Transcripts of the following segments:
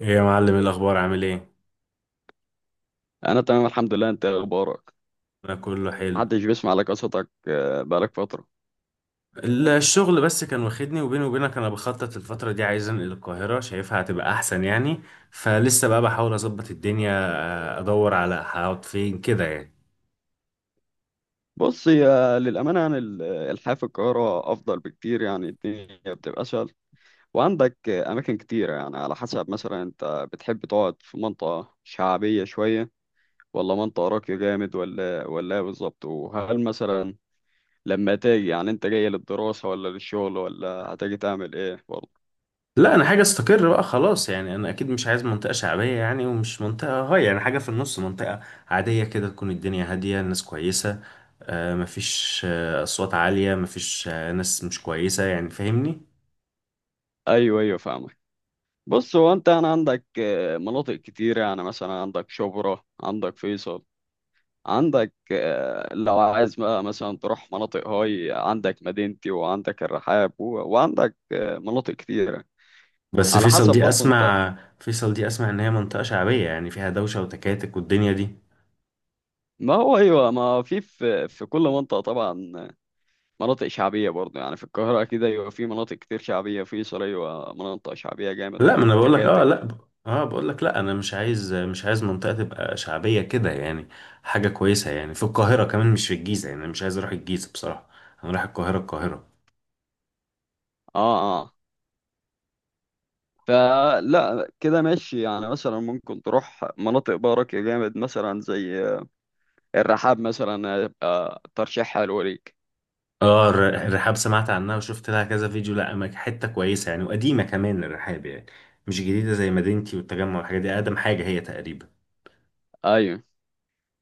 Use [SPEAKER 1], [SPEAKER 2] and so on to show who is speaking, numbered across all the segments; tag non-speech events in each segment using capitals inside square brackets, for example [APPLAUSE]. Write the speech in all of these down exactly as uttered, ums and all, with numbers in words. [SPEAKER 1] ايه يا معلم، إيه الاخبار؟ عامل ايه؟
[SPEAKER 2] انا تمام، الحمد لله. انت إيه اخبارك؟
[SPEAKER 1] انا كله حلو.
[SPEAKER 2] محدش بيسمع لك قصتك، آه، بقالك فتره.
[SPEAKER 1] ال- الشغل بس كان واخدني، وبيني وبينك انا بخطط الفتره دي عايز انقل القاهره، شايفها هتبقى احسن يعني. فلسه بقى بحاول اظبط الدنيا. آه، ادور على هقعد فين كده يعني.
[SPEAKER 2] بص، يا للامانه، يعني ال- الحياه في القاهره افضل بكتير، يعني الدنيا بتبقى اسهل. وعندك آه، اماكن كتيره، يعني على حسب. مثلا انت بتحب تقعد في منطقه شعبيه شويه، ولا منطقه راقيه جامد، ولا ولا إيه بالظبط؟ وهل مثلا لما تيجي، يعني انت جاي للدراسه ولا للشغل، ولا هتيجي تعمل ايه برضه؟
[SPEAKER 1] لا انا حاجه استقر بقى خلاص يعني، انا اكيد مش عايز منطقه شعبيه يعني، ومش منطقه هاي يعني، حاجه في النص، منطقه عاديه كده، تكون الدنيا هاديه، الناس كويسه. آه، مفيش آه، اصوات عاليه، مفيش آه، ناس مش كويسه، يعني فاهمني.
[SPEAKER 2] ايوه ايوه، فاهمك. بص، هو انت يعني عندك آه، مناطق كتير. يعني مثلا عندك شبرا، عندك فيصل، عندك آه، لو عايز بقى مثلا تروح مناطق هاي، عندك مدينتي، وعندك الرحاب، و- وعندك آه، مناطق كتيرة.
[SPEAKER 1] بس
[SPEAKER 2] على
[SPEAKER 1] فيصل
[SPEAKER 2] حسب
[SPEAKER 1] دي
[SPEAKER 2] برضه انت.
[SPEAKER 1] اسمع، فيصل دي اسمع ان هي منطقة شعبية، يعني فيها دوشة وتكاتك والدنيا دي.
[SPEAKER 2] ما هو ايوه، ما في في في كل منطقة طبعا مناطق شعبية برضه. يعني في القاهرة كده ايوه، في مناطق كتير شعبية. فيصل ايوه، مناطق شعبية جامد
[SPEAKER 1] لا ما انا بقول لك، اه
[SPEAKER 2] وتكاتك.
[SPEAKER 1] لا ب... اه بقول لك لا، انا مش عايز مش عايز منطقة تبقى شعبية كده يعني. حاجة كويسة، يعني في القاهرة كمان، مش في الجيزة يعني، انا مش عايز اروح الجيزة بصراحة. انا رايح القاهرة القاهرة
[SPEAKER 2] اه، آه. فلا كده ماشي. يعني مثلا ممكن تروح مناطق بقى راقية جامد، مثلا زي الرحاب مثلا، هيبقى ترشيح حلو ليك.
[SPEAKER 1] اه الر- الرحاب سمعت عنها، وشفت لها كذا فيديو، لا أما حتة كويسة يعني، وقديمة كمان الرحاب يعني، مش جديدة زي مدينتي والتجمع والحاجات دي، اقدم حاجة هي تقريبا.
[SPEAKER 2] ايوه.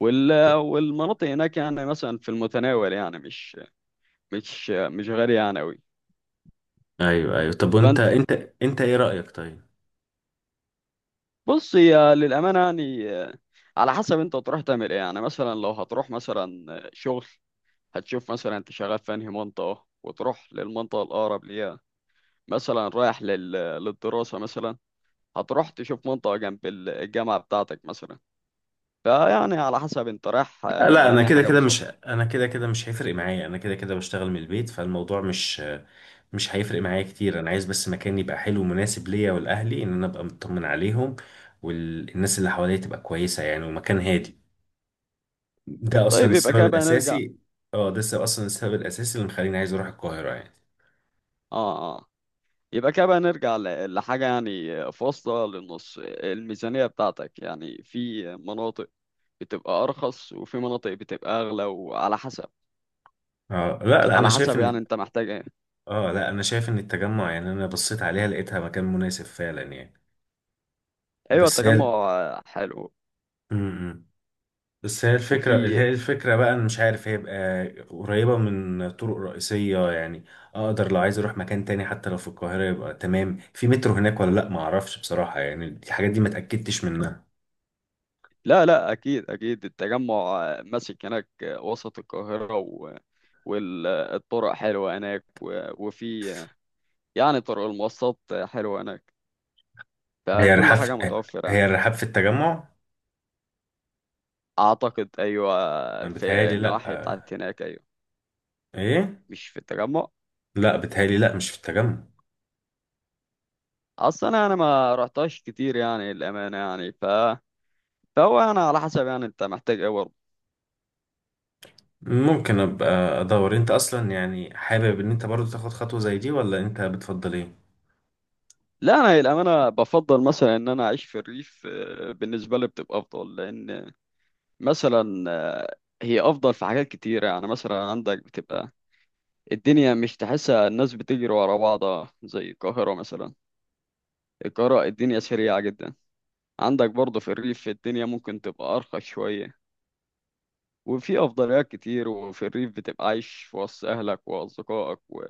[SPEAKER 2] وال والمناطق هناك يعني مثلا في المتناول، يعني مش مش مش غالية يعني أوي.
[SPEAKER 1] ايوه ايوه، طب وانت،
[SPEAKER 2] فانت،
[SPEAKER 1] انت انت ايه رأيك؟ طيب
[SPEAKER 2] بص، يا للأمانة، يعني على حسب انت تروح تعمل ايه. يعني مثلا لو هتروح مثلا شغل، هتشوف مثلا انت شغال في انهي منطقة، وتروح للمنطقة الأقرب ليها. مثلا رايح لل... للدراسة مثلا، هتروح تشوف منطقة جنب ال- الجامعة بتاعتك مثلا. فيعني على حسب انت رايح آه،
[SPEAKER 1] لا انا
[SPEAKER 2] لأنهي
[SPEAKER 1] كده
[SPEAKER 2] حاجة
[SPEAKER 1] كده مش
[SPEAKER 2] بالظبط.
[SPEAKER 1] انا كده كده مش هيفرق معايا، انا كده كده بشتغل من البيت، فالموضوع مش مش هيفرق معايا كتير. انا عايز بس مكان يبقى حلو ومناسب ليا ولاهلي، ان انا ابقى مطمن عليهم، والناس اللي حواليا تبقى كويسة يعني، ومكان هادي. ده اصلا
[SPEAKER 2] طيب، يبقى
[SPEAKER 1] السبب
[SPEAKER 2] كده بقى نرجع.
[SPEAKER 1] الاساسي. اه ده السبب- اصلا السبب الاساسي اللي مخليني عايز اروح القاهرة يعني.
[SPEAKER 2] اه اه، يبقى كده بقى نرجع ل- لحاجة. يعني فاصلة للنص، الميزانية بتاعتك. يعني في مناطق بتبقى أرخص، وفي مناطق بتبقى أغلى، وعلى حسب،
[SPEAKER 1] اه لا لا انا
[SPEAKER 2] على
[SPEAKER 1] شايف
[SPEAKER 2] حسب يعني
[SPEAKER 1] ان
[SPEAKER 2] انت محتاج ايه.
[SPEAKER 1] اه لا انا شايف ان التجمع، يعني انا بصيت عليها لقيتها مكان مناسب فعلا يعني.
[SPEAKER 2] ايوه،
[SPEAKER 1] بس
[SPEAKER 2] التجمع.
[SPEAKER 1] هي
[SPEAKER 2] آه، حلو.
[SPEAKER 1] م- م. بس هي الفكرة،
[SPEAKER 2] وفي،
[SPEAKER 1] هي الفكرة بقى أنا مش عارف هيبقى قريبة من طرق رئيسية يعني، أقدر لو عايز أروح مكان تاني حتى لو في القاهرة يبقى تمام. في مترو هناك ولا لأ معرفش بصراحة، يعني الحاجات دي ما اتأكدتش منها.
[SPEAKER 2] لا لا، اكيد اكيد، التجمع آه، ماسك هناك، آه، وسط القاهرة، والطرق حلوة هناك، و- وفي يعني طرق المواصلات حلوة هناك،
[SPEAKER 1] هي
[SPEAKER 2] فكل
[SPEAKER 1] الرحاب
[SPEAKER 2] حاجة
[SPEAKER 1] في-
[SPEAKER 2] متوفرة
[SPEAKER 1] هي
[SPEAKER 2] يعني.
[SPEAKER 1] الرحاب في التجمع؟
[SPEAKER 2] أعتقد أيوة.
[SPEAKER 1] أنا
[SPEAKER 2] في
[SPEAKER 1] بتهيألي لأ.
[SPEAKER 2] النواحي بتاعت هناك أيوة،
[SPEAKER 1] إيه؟
[SPEAKER 2] مش في التجمع.
[SPEAKER 1] لأ بتهيألي لأ، مش في التجمع.
[SPEAKER 2] أصلا أنا أنا ما رحتهاش كتير يعني الأمانة، يعني ف... فهو أنا على حسب يعني أنت محتاج إيه برضه.
[SPEAKER 1] ممكن أبقى أدور. أنت أصلا يعني حابب إن أنت برضو تاخد خطوة زي دي، ولا أنت بتفضل إيه؟
[SPEAKER 2] لا أنا الأمانة بفضل مثلا إن أنا أعيش في الريف. آه، بالنسبة لي بتبقى أفضل، لأن مثلا آه، هي أفضل في حاجات كتيرة. يعني مثلا عندك بتبقى الدنيا، مش تحسها الناس بتجري ورا بعضها زي القاهرة مثلا. القاهرة الدنيا سريعة جدا. عندك برضه في الريف الدنيا ممكن تبقى أرخص شوية، وفي أفضليات كتير. وفي الريف بتبقى عايش في وسط أهلك وأصدقائك و-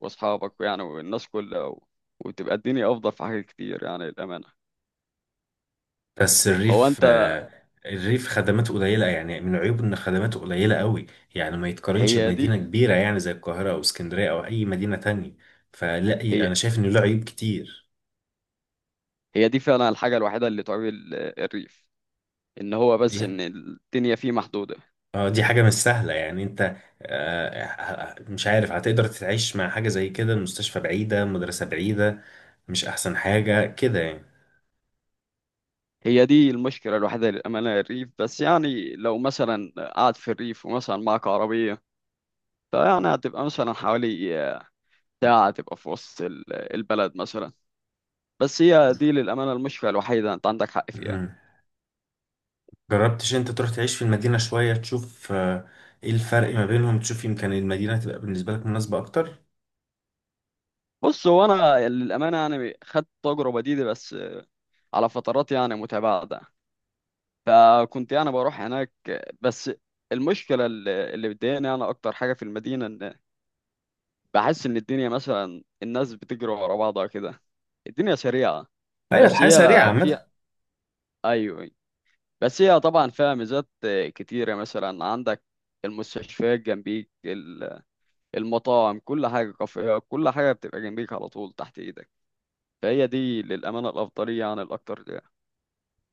[SPEAKER 2] وأصحابك يعني، والناس كلها و... وتبقى الدنيا أفضل في حاجات كتير يعني الأمانة.
[SPEAKER 1] بس
[SPEAKER 2] هو
[SPEAKER 1] الريف،
[SPEAKER 2] أنت،
[SPEAKER 1] آه، الريف خدماته قليلة، يعني من عيوبه إن خدماته قليلة قوي، يعني ما يتقارنش
[SPEAKER 2] هي
[SPEAKER 1] بمدينة
[SPEAKER 2] دي
[SPEAKER 1] كبيرة يعني زي القاهرة أو اسكندرية أو أي مدينة تانية. فلا
[SPEAKER 2] هي
[SPEAKER 1] أنا شايف إنه له عيوب كتير.
[SPEAKER 2] هي دي فعلا الحاجة الوحيدة اللي تعمل الريف، إن هو
[SPEAKER 1] دي
[SPEAKER 2] بس إن الدنيا فيه محدودة.
[SPEAKER 1] اه دي حاجة مش سهلة يعني، أنت آه، ه- ه- مش عارف هتقدر تتعيش مع حاجة زي كده، المستشفى بعيدة، مدرسة بعيدة، مش أحسن حاجة كده يعني.
[SPEAKER 2] هي دي المشكلة الوحيدة للأمانة، الريف بس. يعني لو مثلا قاعد في الريف، ومثلا معك عربية، فيعني هتبقى مثلا حوالي ساعة تبقى في وسط ال- البلد مثلا. بس هي دي للأمانة المشكلة الوحيدة، أنت عندك حق فيها.
[SPEAKER 1] مم. جربتش أنت تروح تعيش في المدينة شوية تشوف، آه، إيه الفرق ما بينهم، تشوف يمكن المدينة تبقى بالنسبة لك مناسبة أكتر.
[SPEAKER 2] بص، هو أنا للأمانة يعني خدت التجربة دي، دي بس على فترات يعني متباعدة، فكنت يعني بروح هناك. بس المشكلة اللي اللي بتضايقني أنا أكتر حاجة في المدينة، إن بحس إن الدنيا مثلا، الناس بتجري ورا بعضها كده، الدنيا سريعة.
[SPEAKER 1] ايوه،
[SPEAKER 2] بس
[SPEAKER 1] الحياه سريعه
[SPEAKER 2] هي، في،
[SPEAKER 1] عامه.
[SPEAKER 2] ايوه أيوة. بس هي طبعا فيها ميزات آه، كتيره، مثلا عندك المستشفيات جنبيك، ال- المطاعم كل حاجه، كافيهات، كل حاجه بتبقى جنبيك على طول تحت ايدك. فهي دي للامانه الافضليه عن الاكتر ده.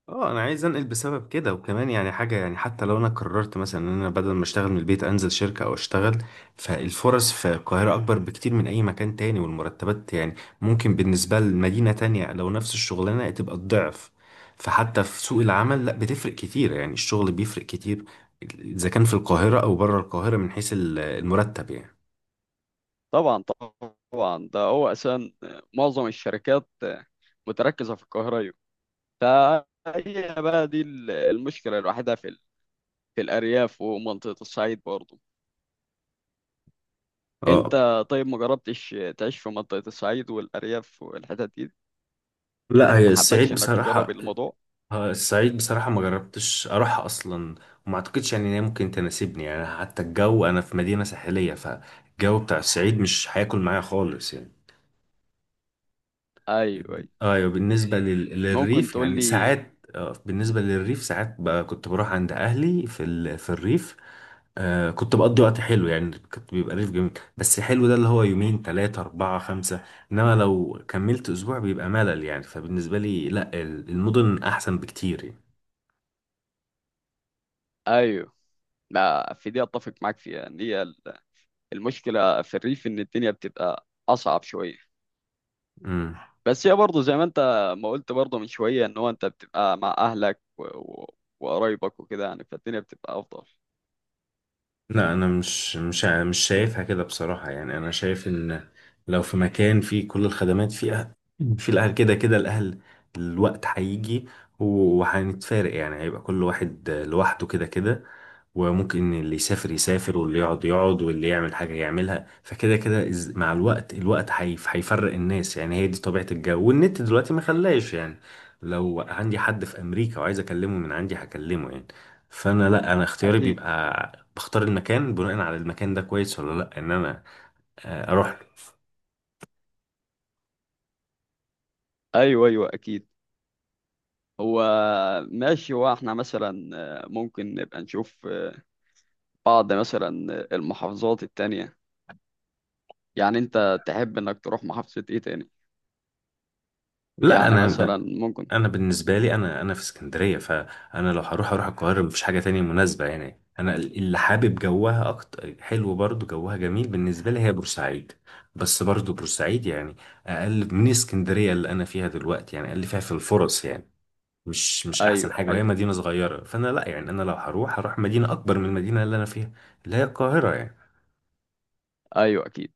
[SPEAKER 1] اه انا عايز انقل بسبب كده، وكمان يعني حاجه، يعني حتى لو انا قررت مثلا ان انا بدل ما اشتغل من البيت انزل شركه او اشتغل، فالفرص في القاهره اكبر بكتير من اي مكان تاني، والمرتبات يعني ممكن بالنسبه لمدينه تانية لو نفس الشغلانه تبقى الضعف. فحتى في سوق العمل، لا بتفرق كتير يعني، الشغل بيفرق كتير اذا كان في القاهره او بره القاهره، من حيث ال- المرتب يعني.
[SPEAKER 2] طبعا، طبعا ده هو اساسا معظم الشركات آه، متركزه في القاهره، أيوة. فهي بقى دي ال- المشكله الوحيده في ال- في الارياف ومنطقه الصعيد برضه. انت
[SPEAKER 1] اه
[SPEAKER 2] طيب، ما جربتش تعيش في منطقه الصعيد والارياف والحتت دي؟
[SPEAKER 1] لا هي
[SPEAKER 2] ما
[SPEAKER 1] الصعيد
[SPEAKER 2] حبتش انك تجرب
[SPEAKER 1] بصراحة،
[SPEAKER 2] الموضوع؟
[SPEAKER 1] آه، الصعيد بصراحة ما جربتش أروحها أصلا، وما أعتقدش يعني إن هي ممكن تناسبني يعني، حتى الجو، أنا في مدينة ساحلية فالجو بتاع الصعيد مش هياكل معايا خالص يعني.
[SPEAKER 2] ايوه أيوة.
[SPEAKER 1] أيوة بالنسبة لل...
[SPEAKER 2] ممكن
[SPEAKER 1] للريف
[SPEAKER 2] تقول
[SPEAKER 1] يعني
[SPEAKER 2] لي.
[SPEAKER 1] ساعات، آه، بالنسبة للريف ساعات بقى كنت بروح عند أهلي في ال... في الريف. آه كنت بقضي وقت حلو يعني، كنت بيبقى ريف جميل، بس حلو ده اللي هو يومين تلاتة أربعة خمسة، إنما لو كملت أسبوع بيبقى ملل يعني، فبالنسبة لي لأ ال- المدن أحسن بكتير يعني.
[SPEAKER 2] ايوه، لا في دي اتفق معاك فيها، ان هي ال- المشكله في الريف ان الدنيا بتبقى اصعب شويه.
[SPEAKER 1] مم.
[SPEAKER 2] بس هي برضه زي ما انت ما قلت برضه من شويه، ان هو انت بتبقى مع اهلك و... و... وقرايبك وكده يعني، فالدنيا بتبقى افضل.
[SPEAKER 1] لا انا مش مش مش شايفها كده بصراحة يعني، انا شايف ان لو في مكان فيه كل الخدمات فيها، في الاهل، كده كده الاهل الوقت هيجي وهنتفارق يعني، هيبقى كل واحد لوحده كده كده، وممكن اللي يسافر يسافر واللي يقعد يقعد واللي يعمل حاجة يعملها، فكده كده إز- مع الوقت الوقت هيف- هيفرق الناس يعني، هي دي طبيعة الجو والنت دلوقتي ما خلاش يعني، لو عندي حد في أمريكا وعايز أكلمه من عندي هكلمه يعني. فأنا لا أنا اختياري
[SPEAKER 2] اكيد.
[SPEAKER 1] بيبقى بختار المكان بناء على المكان ده كويس ولا لا، إن أنا آه، أروح له.
[SPEAKER 2] ايوه ايوه اكيد. هو ماشي، هو احنا مثلا آه، ممكن نبقى نشوف آه، بعض مثلا آه، المحافظات التانية. يعني انت تحب انك تروح محافظة ايه تاني؟
[SPEAKER 1] لا
[SPEAKER 2] يعني مثلا
[SPEAKER 1] أنا،
[SPEAKER 2] ممكن.
[SPEAKER 1] انا بالنسبه لي، انا انا في اسكندريه، فانا لو هروح اروح القاهره، مفيش حاجه تانية مناسبه يعني، انا اللي حابب جوها اكتر حلو برضو جوها جميل بالنسبه لي هي بورسعيد، بس برضو بورسعيد يعني اقل من اسكندريه اللي انا فيها دلوقتي يعني، اقل فيها في الفرص يعني، مش مش احسن
[SPEAKER 2] ايوه
[SPEAKER 1] حاجه، وهي
[SPEAKER 2] ايوه
[SPEAKER 1] مدينه صغيره، فانا لا يعني انا لو هروح هروح مدينه اكبر من المدينه اللي انا فيها، اللي هي القاهره يعني.
[SPEAKER 2] ايوه اكيد.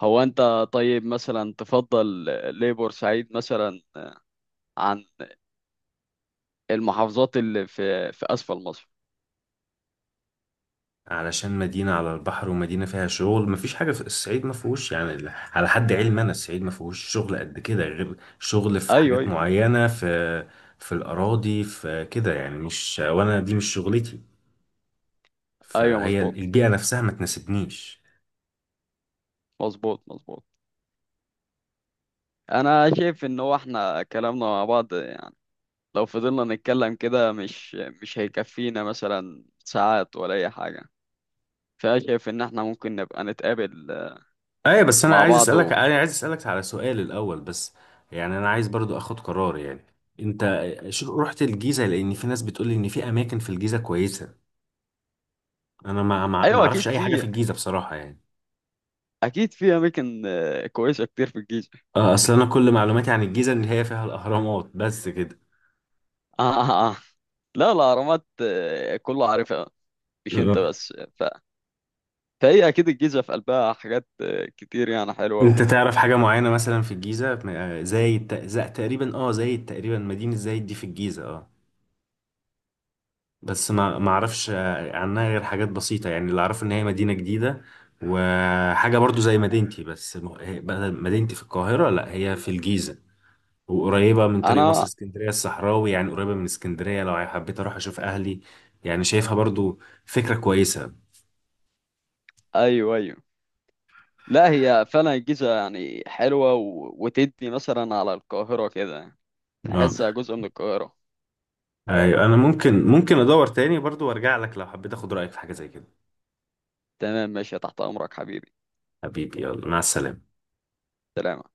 [SPEAKER 2] هو انت طيب مثلا، تفضل ليه بورسعيد مثلا، عن المحافظات اللي في في اسفل مصر؟
[SPEAKER 1] علشان مدينة على البحر، ومدينة فيها شغل، مفيش حاجة في الصعيد ما فيهوش يعني، ال- على حد علمي أنا الصعيد ما فيهوش شغل قد كده، غير شغل في
[SPEAKER 2] ايوه
[SPEAKER 1] حاجات
[SPEAKER 2] ايوه
[SPEAKER 1] معينة، في في الأراضي في كده يعني، مش، وأنا دي مش شغلتي،
[SPEAKER 2] ايوه،
[SPEAKER 1] فهي
[SPEAKER 2] مظبوط،
[SPEAKER 1] البيئة نفسها ما تناسبنيش.
[SPEAKER 2] مظبوط مظبوط. انا شايف ان هو احنا كلامنا مع بعض يعني، لو فضلنا نتكلم كده مش مش هيكفينا مثلا ساعات ولا اي حاجه. فانا شايف ان احنا ممكن نبقى نتقابل
[SPEAKER 1] أيوة بس أنا
[SPEAKER 2] مع
[SPEAKER 1] عايز
[SPEAKER 2] بعض
[SPEAKER 1] أسألك،
[SPEAKER 2] و...
[SPEAKER 1] أنا عايز أسألك على سؤال الأول بس، يعني أنا عايز برضو أخد قرار يعني. أنت شو- رحت الجيزة؟ لأن في ناس بتقولي إن في أماكن في الجيزة كويسة، أنا ما ما ما
[SPEAKER 2] ايوه.
[SPEAKER 1] أعرفش
[SPEAKER 2] اكيد
[SPEAKER 1] أي حاجة في
[SPEAKER 2] في
[SPEAKER 1] الجيزة بصراحة يعني.
[SPEAKER 2] اكيد في اماكن آه، كويسه كتير في الجيزه.
[SPEAKER 1] آه، اصل انا كل معلوماتي عن الجيزه ان هي فيها الاهرامات بس كده.
[SPEAKER 2] [LAUGHS] لا، الأهرامات آه، كله عارفها، مش أنت
[SPEAKER 1] آه.
[SPEAKER 2] بس ف... فهي أكيد الجيزة في قلبها حاجات آه، كتير يعني، حلوة و...
[SPEAKER 1] انت تعرف حاجه معينه مثلا في الجيزه، آه، زايد ت- زا- تقريبا اه زايد تقريبا، مدينه زايد دي في الجيزه اه، بس ما ما اعرفش آه، عنها غير حاجات بسيطه يعني، اللي اعرفه ان هي مدينه جديده، وحاجه برضو زي مدينتي، بس م- هي- بدل مدينتي في القاهره لا هي في الجيزه، وقريبه من طريق مصر
[SPEAKER 2] أنا،
[SPEAKER 1] اسكندريه الصحراوي يعني، قريبه من اسكندريه لو حبيت اروح اشوف اهلي، يعني شايفها برضو فكره كويسه.
[SPEAKER 2] أيوه أيوه. لا هي فعلا الجيزة يعني حلوة و... وتدي مثلا على القاهرة كده،
[SPEAKER 1] اه
[SPEAKER 2] تحسها جزء من القاهرة.
[SPEAKER 1] ايوه انا ممكن ممكن ادور تاني برضو وارجع لك لو حبيت اخد رايك في حاجه زي كده.
[SPEAKER 2] تمام، ماشي، تحت أمرك حبيبي.
[SPEAKER 1] حبيبي يلا مع السلامه.
[SPEAKER 2] سلامة